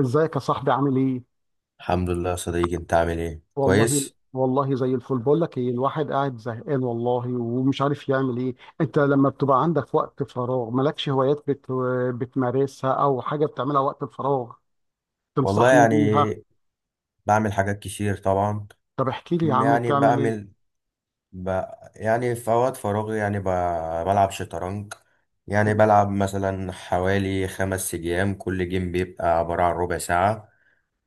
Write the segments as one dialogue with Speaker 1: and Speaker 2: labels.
Speaker 1: ازيك يا صاحبي؟ عامل ايه؟
Speaker 2: الحمد لله يا صديقي، انت عامل ايه؟
Speaker 1: والله
Speaker 2: كويس.
Speaker 1: والله زي الفل. بقول لك ايه، الواحد قاعد زهقان والله ومش عارف يعمل ايه. انت لما بتبقى عندك وقت فراغ، مالكش هوايات بتمارسها او حاجة بتعملها وقت الفراغ
Speaker 2: والله
Speaker 1: تنصحني
Speaker 2: يعني
Speaker 1: بيها؟
Speaker 2: بعمل حاجات كتير طبعا.
Speaker 1: طب احكي لي يا
Speaker 2: م-
Speaker 1: عم،
Speaker 2: يعني
Speaker 1: بتعمل ايه؟
Speaker 2: بعمل ب... يعني في اوقات فراغي بلعب شطرنج. يعني بلعب مثلا حوالي 5 ايام، كل جيم بيبقى عبارة عن ربع ساعة،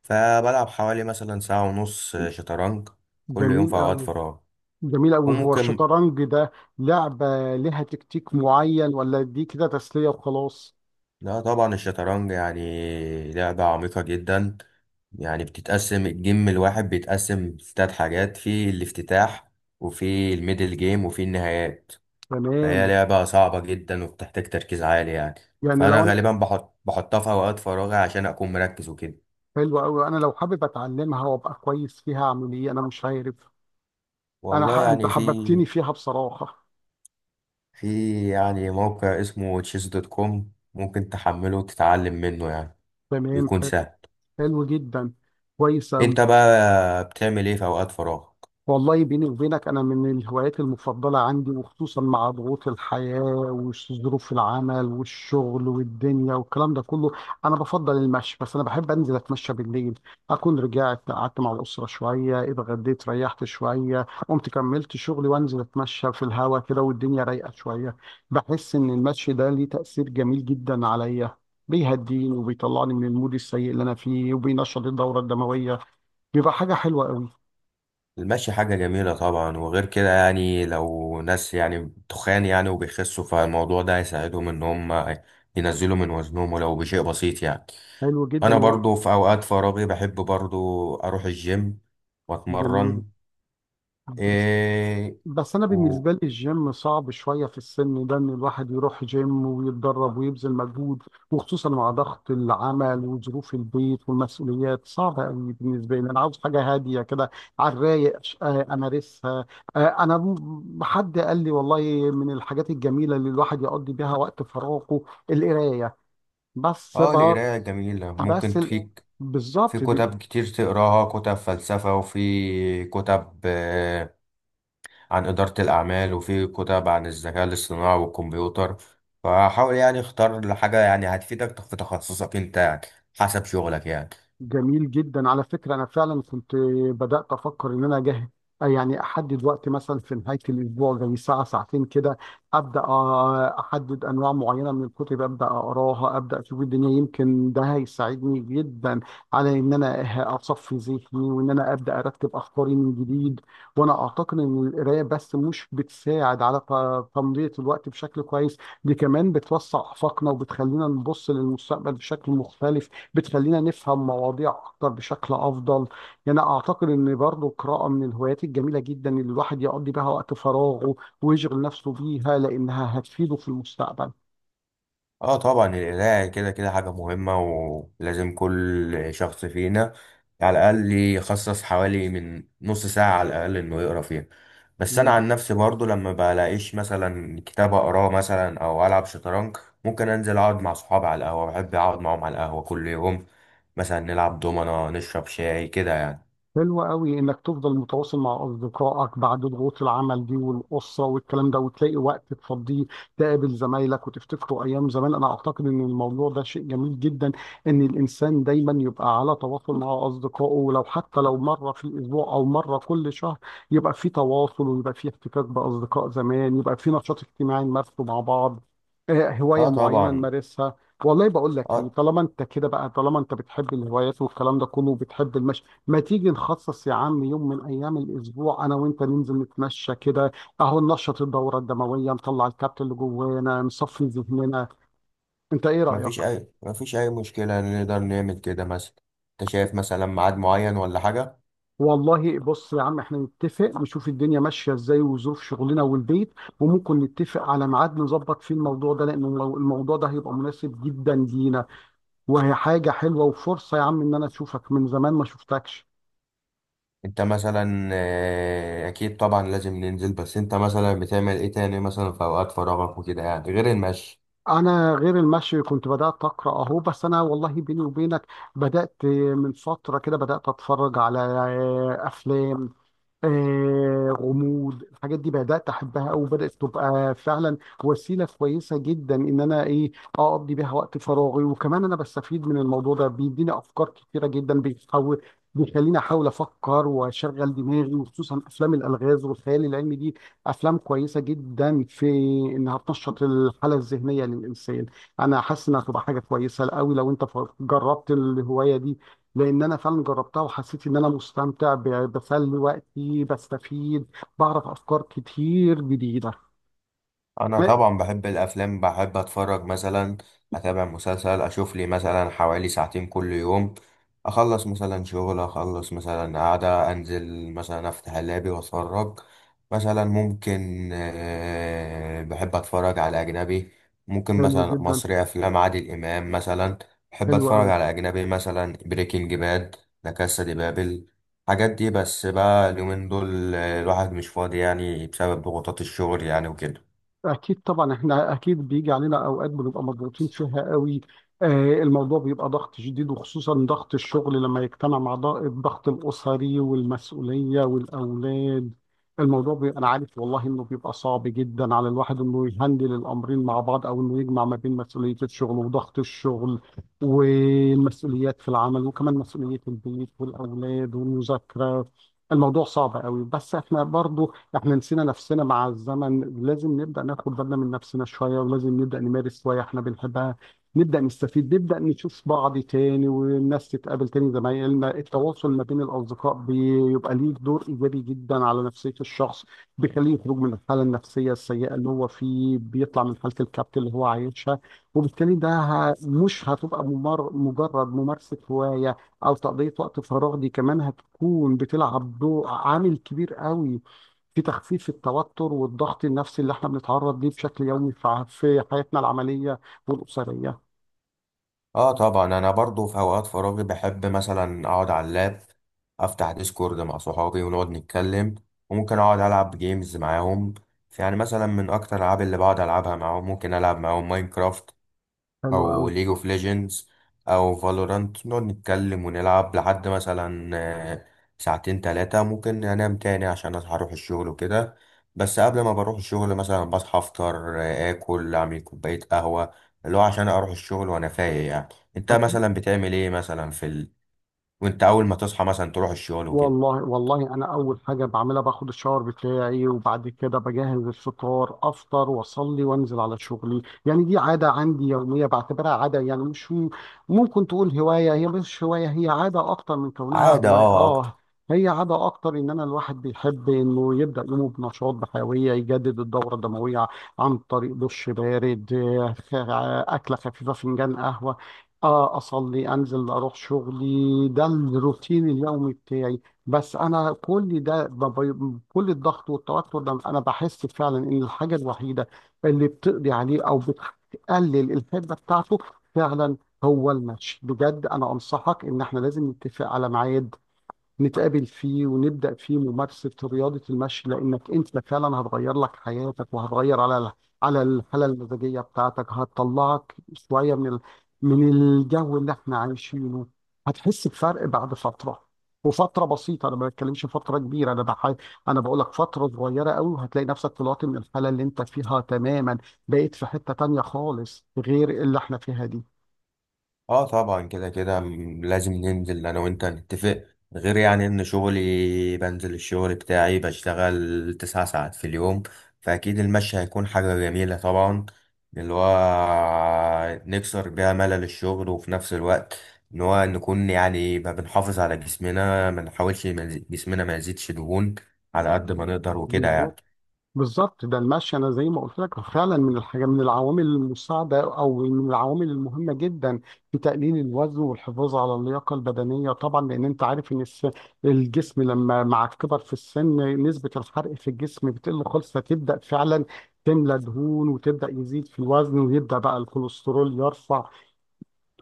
Speaker 2: فبلعب حوالي مثلا ساعة ونص شطرنج كل يوم في
Speaker 1: جميل
Speaker 2: اوقات
Speaker 1: قوي.
Speaker 2: فراغ.
Speaker 1: جميل قوي. هو
Speaker 2: وممكن.
Speaker 1: الشطرنج ده لعبة لها تكتيك معين، ولا دي كده تسلية وخلاص؟
Speaker 2: لا طبعا الشطرنج يعني لعبة عميقة جدا، يعني بتتقسم الجيم الواحد بيتقسم في 3 حاجات: في الافتتاح وفي الميدل جيم وفي النهايات. فهي
Speaker 1: تمام.
Speaker 2: لعبة صعبة جدا وبتحتاج تركيز عالي يعني.
Speaker 1: يعني
Speaker 2: فأنا
Speaker 1: لو انا.
Speaker 2: غالبا بحطها في أوقات فراغي عشان أكون مركز وكده.
Speaker 1: حلو قوي، انا لو حابب اتعلمها وابقى كويس فيها اعمل ايه؟ انا مش عارف.
Speaker 2: والله
Speaker 1: انت
Speaker 2: يعني في
Speaker 1: حببتني فيها بصراحه.
Speaker 2: في يعني موقع اسمه chess دوت كوم، ممكن تحمله وتتعلم منه يعني،
Speaker 1: تمام
Speaker 2: بيكون
Speaker 1: ح-
Speaker 2: سهل.
Speaker 1: حلو جدا. كويس اوي.
Speaker 2: أنت بقى بتعمل إيه في أوقات فراغ؟
Speaker 1: والله بيني وبينك، أنا من الهوايات المفضلة عندي، وخصوصا مع ضغوط الحياة وظروف العمل والشغل والدنيا والكلام ده كله، أنا بفضل المشي. بس أنا بحب أنزل أتمشى بالليل، أكون رجعت قعدت مع الأسرة شوية، اتغديت، ريحت شوية، قمت كملت شغلي، وأنزل أتمشى في الهواء كده والدنيا رايقة شوية. بحس إن المشي ده ليه تأثير جميل جدا عليا، بيهديني وبيطلعني من المود السيء اللي أنا فيه وبينشط الدورة الدموية. بيبقى حاجة حلوة قوي.
Speaker 2: المشي حاجة جميلة طبعا، وغير كده يعني لو ناس يعني تخان يعني وبيخسوا فالموضوع ده هيساعدهم ان هم ينزلوا من وزنهم ولو بشيء بسيط يعني.
Speaker 1: حلو جدا.
Speaker 2: انا برضو في اوقات فراغي بحب برضو اروح الجيم
Speaker 1: جميل.
Speaker 2: واتمرن.
Speaker 1: بس
Speaker 2: إيه.
Speaker 1: بس انا
Speaker 2: و...
Speaker 1: بالنسبه لي الجيم صعب شويه في السن ده، ان الواحد يروح جيم ويتدرب ويبذل مجهود، وخصوصا مع ضغط العمل وظروف البيت والمسؤوليات، صعبه قوي بالنسبه لي. انا عاوز حاجه هاديه كده على الرايق امارسها. انا حد قال لي والله من الحاجات الجميله اللي الواحد يقضي بيها وقت فراغه: القرايه. بس
Speaker 2: اه،
Speaker 1: بر...
Speaker 2: القراية جميلة،
Speaker 1: بس
Speaker 2: ممكن
Speaker 1: ال...
Speaker 2: فيك في
Speaker 1: بالظبط.
Speaker 2: كتب كتير تقراها، كتب فلسفة، وفي كتب عن إدارة الأعمال، وفي كتب عن الذكاء الاصطناعي والكمبيوتر. فحاول يعني اختار لحاجة يعني هتفيدك في تخصصك أنت يعني، حسب شغلك يعني.
Speaker 1: جميل جدا. على فكرة أنا فعلا كنت بدأت أفكر إن أنا أجهز، يعني أحدد وقت مثلا في نهاية الأسبوع، زي ساعة ساعتين كده، أبدأ، أحدد أنواع معينة من الكتب، أبدأ أقراها، أبدأ أشوف الدنيا، يمكن ده هيساعدني جدا على إن أنا أصفي ذهني، وإن أنا أبدأ أرتب أفكاري من جديد. وأنا أعتقد إن القراية بس مش بتساعد على تمضية الوقت بشكل كويس، دي كمان بتوسع آفاقنا وبتخلينا نبص للمستقبل بشكل مختلف، بتخلينا نفهم مواضيع اكتر بشكل افضل. يعني اعتقد ان برضو القراءه من الهوايات الجميله جدا اللي الواحد يقضي بها وقت فراغه ويشغل نفسه بيها، لانها هتفيده في المستقبل.
Speaker 2: اه طبعا القراية كده كده حاجة مهمة، ولازم كل شخص فينا على الأقل يخصص حوالي من نص ساعة على الأقل إنه يقرا فيها. بس أنا عن نفسي برضو لما بلاقيش مثلا كتاب أقراه مثلا أو ألعب شطرنج، ممكن أنزل أقعد مع صحابي على القهوة، بحب أقعد معاهم على القهوة كل يوم، مثلا نلعب دومنا نشرب شاي كده يعني.
Speaker 1: حلو قوي انك تفضل متواصل مع اصدقائك بعد ضغوط العمل دي والاسره والكلام ده، وتلاقي وقت تفضيه تقابل زمايلك وتفتكروا ايام زمان. انا اعتقد ان الموضوع ده شيء جميل جدا، ان الانسان دايما يبقى على تواصل مع اصدقائه، ولو حتى لو مره في الاسبوع او مره كل شهر يبقى في تواصل، ويبقى في احتكاك باصدقاء زمان، يبقى في نشاط اجتماعي نمارسه مع بعض، هوايه
Speaker 2: اه
Speaker 1: معينه
Speaker 2: طبعا.
Speaker 1: نمارسها. والله بقول لك ايه،
Speaker 2: اه.
Speaker 1: طالما انت كده بقى، طالما انت بتحب الهوايات والكلام ده كله وبتحب المشي، ما تيجي نخصص يا عم يوم من ايام الاسبوع انا وانت ننزل نتمشى كده، اهو ننشط الدوره الدمويه، نطلع الكبت اللي جوانا، نصفي ذهننا. انت ايه رايك؟
Speaker 2: مفيش أي مشكلة، نقدر نعمل كده مثلا. أنت شايف مثلا ميعاد معين ولا حاجة؟
Speaker 1: والله بص يا عم، احنا نتفق نشوف الدنيا ماشيه ازاي وظروف شغلنا والبيت، وممكن نتفق على ميعاد نظبط فيه الموضوع ده، لان الموضوع ده هيبقى مناسب جدا لينا، وهي حاجه حلوه وفرصه يا عم ان انا اشوفك من زمان ما شفتكش.
Speaker 2: انت مثلا اكيد طبعا لازم ننزل، بس انت مثلا بتعمل ايه تاني مثلا في اوقات فراغك وكده يعني غير المشي؟
Speaker 1: انا غير المشي كنت بدات اقرا اهو، بس انا والله بيني وبينك بدات من فتره كده بدات اتفرج على افلام، غموض، الحاجات دي بدأت أحبها أو بدأت تبقى فعلا وسيلة كويسة جدا إن أنا إيه أقضي بيها وقت فراغي. وكمان أنا بستفيد من الموضوع ده، بيديني أفكار كتيرة جدا، بيحاول بيخليني أحاول أفكر وأشغل دماغي، وخصوصا أفلام الألغاز والخيال العلمي دي أفلام كويسة جدا في إنها تنشط الحالة الذهنية للإنسان. أنا حاسس إنها هتبقى حاجة كويسة أوي لو أنت جربت الهواية دي، لان انا فعلا جربتها وحسيت ان انا مستمتع، بسلي وقتي بستفيد، بعرف افكار كتير جديده.
Speaker 2: انا طبعا بحب الافلام، بحب اتفرج مثلا، اتابع مسلسل، اشوف لي مثلا حوالي ساعتين كل يوم. اخلص مثلا شغل، اخلص مثلا قاعدة، انزل مثلا افتح اللابي واتفرج. مثلا ممكن بحب اتفرج على اجنبي، ممكن
Speaker 1: حلو
Speaker 2: مثلا
Speaker 1: جدا.
Speaker 2: مصري افلام عادل امام مثلا. بحب
Speaker 1: حلو
Speaker 2: اتفرج
Speaker 1: قوي.
Speaker 2: على اجنبي مثلا بريكنج باد، لا كاسا دي بابل. الحاجات دي، بس بقى اليومين دول الواحد مش فاضي يعني بسبب ضغوطات الشغل يعني وكده.
Speaker 1: أكيد طبعا إحنا أكيد بيجي علينا أوقات بنبقى مضغوطين فيها قوي. آه، الموضوع بيبقى ضغط شديد، وخصوصا ضغط الشغل لما يجتمع مع الضغط الأسري والمسؤولية والأولاد، الموضوع بيبقى، أنا عارف والله إنه بيبقى صعب جدا على الواحد إنه يهندل الأمرين مع بعض، أو إنه يجمع ما بين مسؤولية الشغل وضغط الشغل والمسؤوليات في العمل، وكمان مسؤولية البيت والأولاد والمذاكرة. الموضوع صعب قوي، بس إحنا برضو احنا نسينا نفسنا مع الزمن، لازم نبدأ ناخد بالنا من نفسنا شوية، ولازم نبدأ نمارس هواية احنا بنحبها، نبدأ نستفيد، نبدأ نشوف بعض تاني، والناس تتقابل تاني، زمايلنا. التواصل ما بين الأصدقاء بيبقى ليه دور إيجابي جدا على نفسية الشخص، بيخليه يخرج من الحالة النفسية السيئة اللي هو فيه، بيطلع من حالة الكبت اللي هو عايشها. وبالتالي ده مش هتبقى مجرد ممارسة هواية أو تقضية وقت فراغ، دي كمان هتكون بتلعب دور عامل كبير قوي في تخفيف في التوتر والضغط النفسي اللي احنا بنتعرض ليه بشكل يومي في حياتنا العملية والأسرية.
Speaker 2: اه طبعا، انا برضو في اوقات فراغي بحب مثلا اقعد على اللاب، افتح ديسكورد مع صحابي ونقعد نتكلم، وممكن اقعد العب جيمز معاهم. يعني مثلا من اكتر الالعاب اللي بقعد العبها معاهم، ممكن العب معاهم ماينكرافت
Speaker 1: حلو قوي.
Speaker 2: او ليج اوف ليجندز او فالورانت، نقعد نتكلم ونلعب لحد مثلا آه، ساعتين تلاتة، ممكن انام تاني عشان هروح الشغل وكده. بس قبل ما بروح الشغل مثلا بصحى افطر، اكل، اعمل كوباية قهوة، اللي هو عشان اروح الشغل وانا فايق يعني. انت مثلا بتعمل ايه مثلا وانت اول ما تصحى مثلا تروح الشغل وكده؟
Speaker 1: والله والله انا اول حاجه بعملها باخد الشاور بتاعي، وبعد كده بجهز الفطار، افطر، واصلي، وانزل على شغلي. يعني دي عاده عندي يوميه، بعتبرها عاده يعني، مش ممكن تقول هوايه، هي مش هوايه، هي عاده اكتر من كونها
Speaker 2: عادة
Speaker 1: هوايه.
Speaker 2: اه اكتر.
Speaker 1: اه، هي عاده اكتر ان انا، الواحد بيحب انه يبدا يومه بنشاط، بحيويه، يجدد الدوره الدمويه عن طريق دش بارد، اكله خفيفه، فنجان قهوه، أصلي أنزل أروح شغلي. ده الروتين اليومي بتاعي. بس انا كل ده، كل الضغط والتوتر ده انا بحس فعلا ان الحاجه الوحيده اللي بتقضي عليه، او بتقلل الحده بتاعته فعلا، هو المشي بجد. انا انصحك ان احنا لازم نتفق على ميعاد نتقابل فيه، ونبدأ فيه ممارسة رياضة المشي، لأنك أنت فعلا هتغير لك حياتك، وهتغير على على الحالة المزاجية بتاعتك، هتطلعك شوية من من الجو اللي احنا عايشينه، هتحس بفرق بعد فترة، وفترة بسيطة، أنا ما بتكلمش فترة كبيرة، أنا بقول لك فترة صغيرة قوي، وهتلاقي نفسك طلعت من الحالة اللي أنت فيها تماما، بقيت في حتة تانية خالص غير اللي احنا فيها دي.
Speaker 2: اه طبعا كده كده لازم ننزل انا وانت نتفق. غير يعني ان شغلي، بنزل الشغل بتاعي بشتغل 9 ساعات في اليوم، فاكيد المشي هيكون حاجة جميلة طبعا، اللي هو نكسر بيها ملل الشغل. وفي نفس الوقت ان هو نكون يعني ما بنحافظ على جسمنا، ما نحاولش ما يزي- جسمنا ما يزيدش دهون على قد ما نقدر وكده يعني.
Speaker 1: بالظبط. بالظبط ده المشي، انا زي ما قلت لك فعلا من الحاجه، من العوامل المساعده، او من العوامل المهمه جدا في تقليل الوزن والحفاظ على اللياقه البدنيه، طبعا لان انت عارف ان الجسم، لما مع الكبر في السن نسبه الحرق في الجسم بتقل خالص، فتبدا فعلا تملى دهون، وتبدا يزيد في الوزن، ويبدا بقى الكوليسترول يرفع،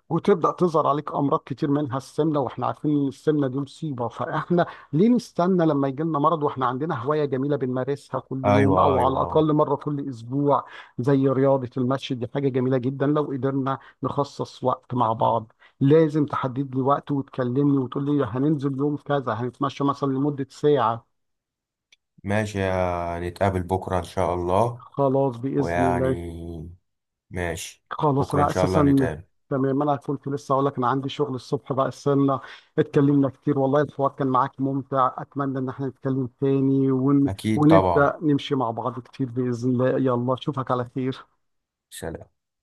Speaker 1: وتبدأ تظهر عليك أمراض كتير منها السمنة. وإحنا عارفين إن السمنة دي مصيبة، فإحنا ليه نستنى لما يجي لنا مرض وإحنا عندنا هواية جميلة بنمارسها كل
Speaker 2: ايوه
Speaker 1: يوم أو على
Speaker 2: ايوه.
Speaker 1: الأقل مرة كل أسبوع، زي رياضة المشي دي حاجة جميلة جدا لو قدرنا نخصص وقت مع بعض. لازم تحدد لي وقت وتكلمني وتقول لي هننزل يوم كذا، هنتمشى مثلا لمدة ساعة.
Speaker 2: ماشي، نتقابل بكرة ان شاء الله.
Speaker 1: خلاص بإذن الله.
Speaker 2: ويعني ماشي.
Speaker 1: خلاص
Speaker 2: بكرة إن
Speaker 1: انا
Speaker 2: شاء الله
Speaker 1: اساسا.
Speaker 2: نتقابل.
Speaker 1: تمام انا كنت لسه اقول لك، انا عندي شغل الصبح بقى، استنى. اتكلمنا كتير والله، الحوار كان معاك ممتع، اتمنى ان احنا نتكلم تاني
Speaker 2: أكيد طبعا.
Speaker 1: ونبدأ نمشي مع بعض كتير بإذن الله. يلا اشوفك على خير.
Speaker 2: سلام.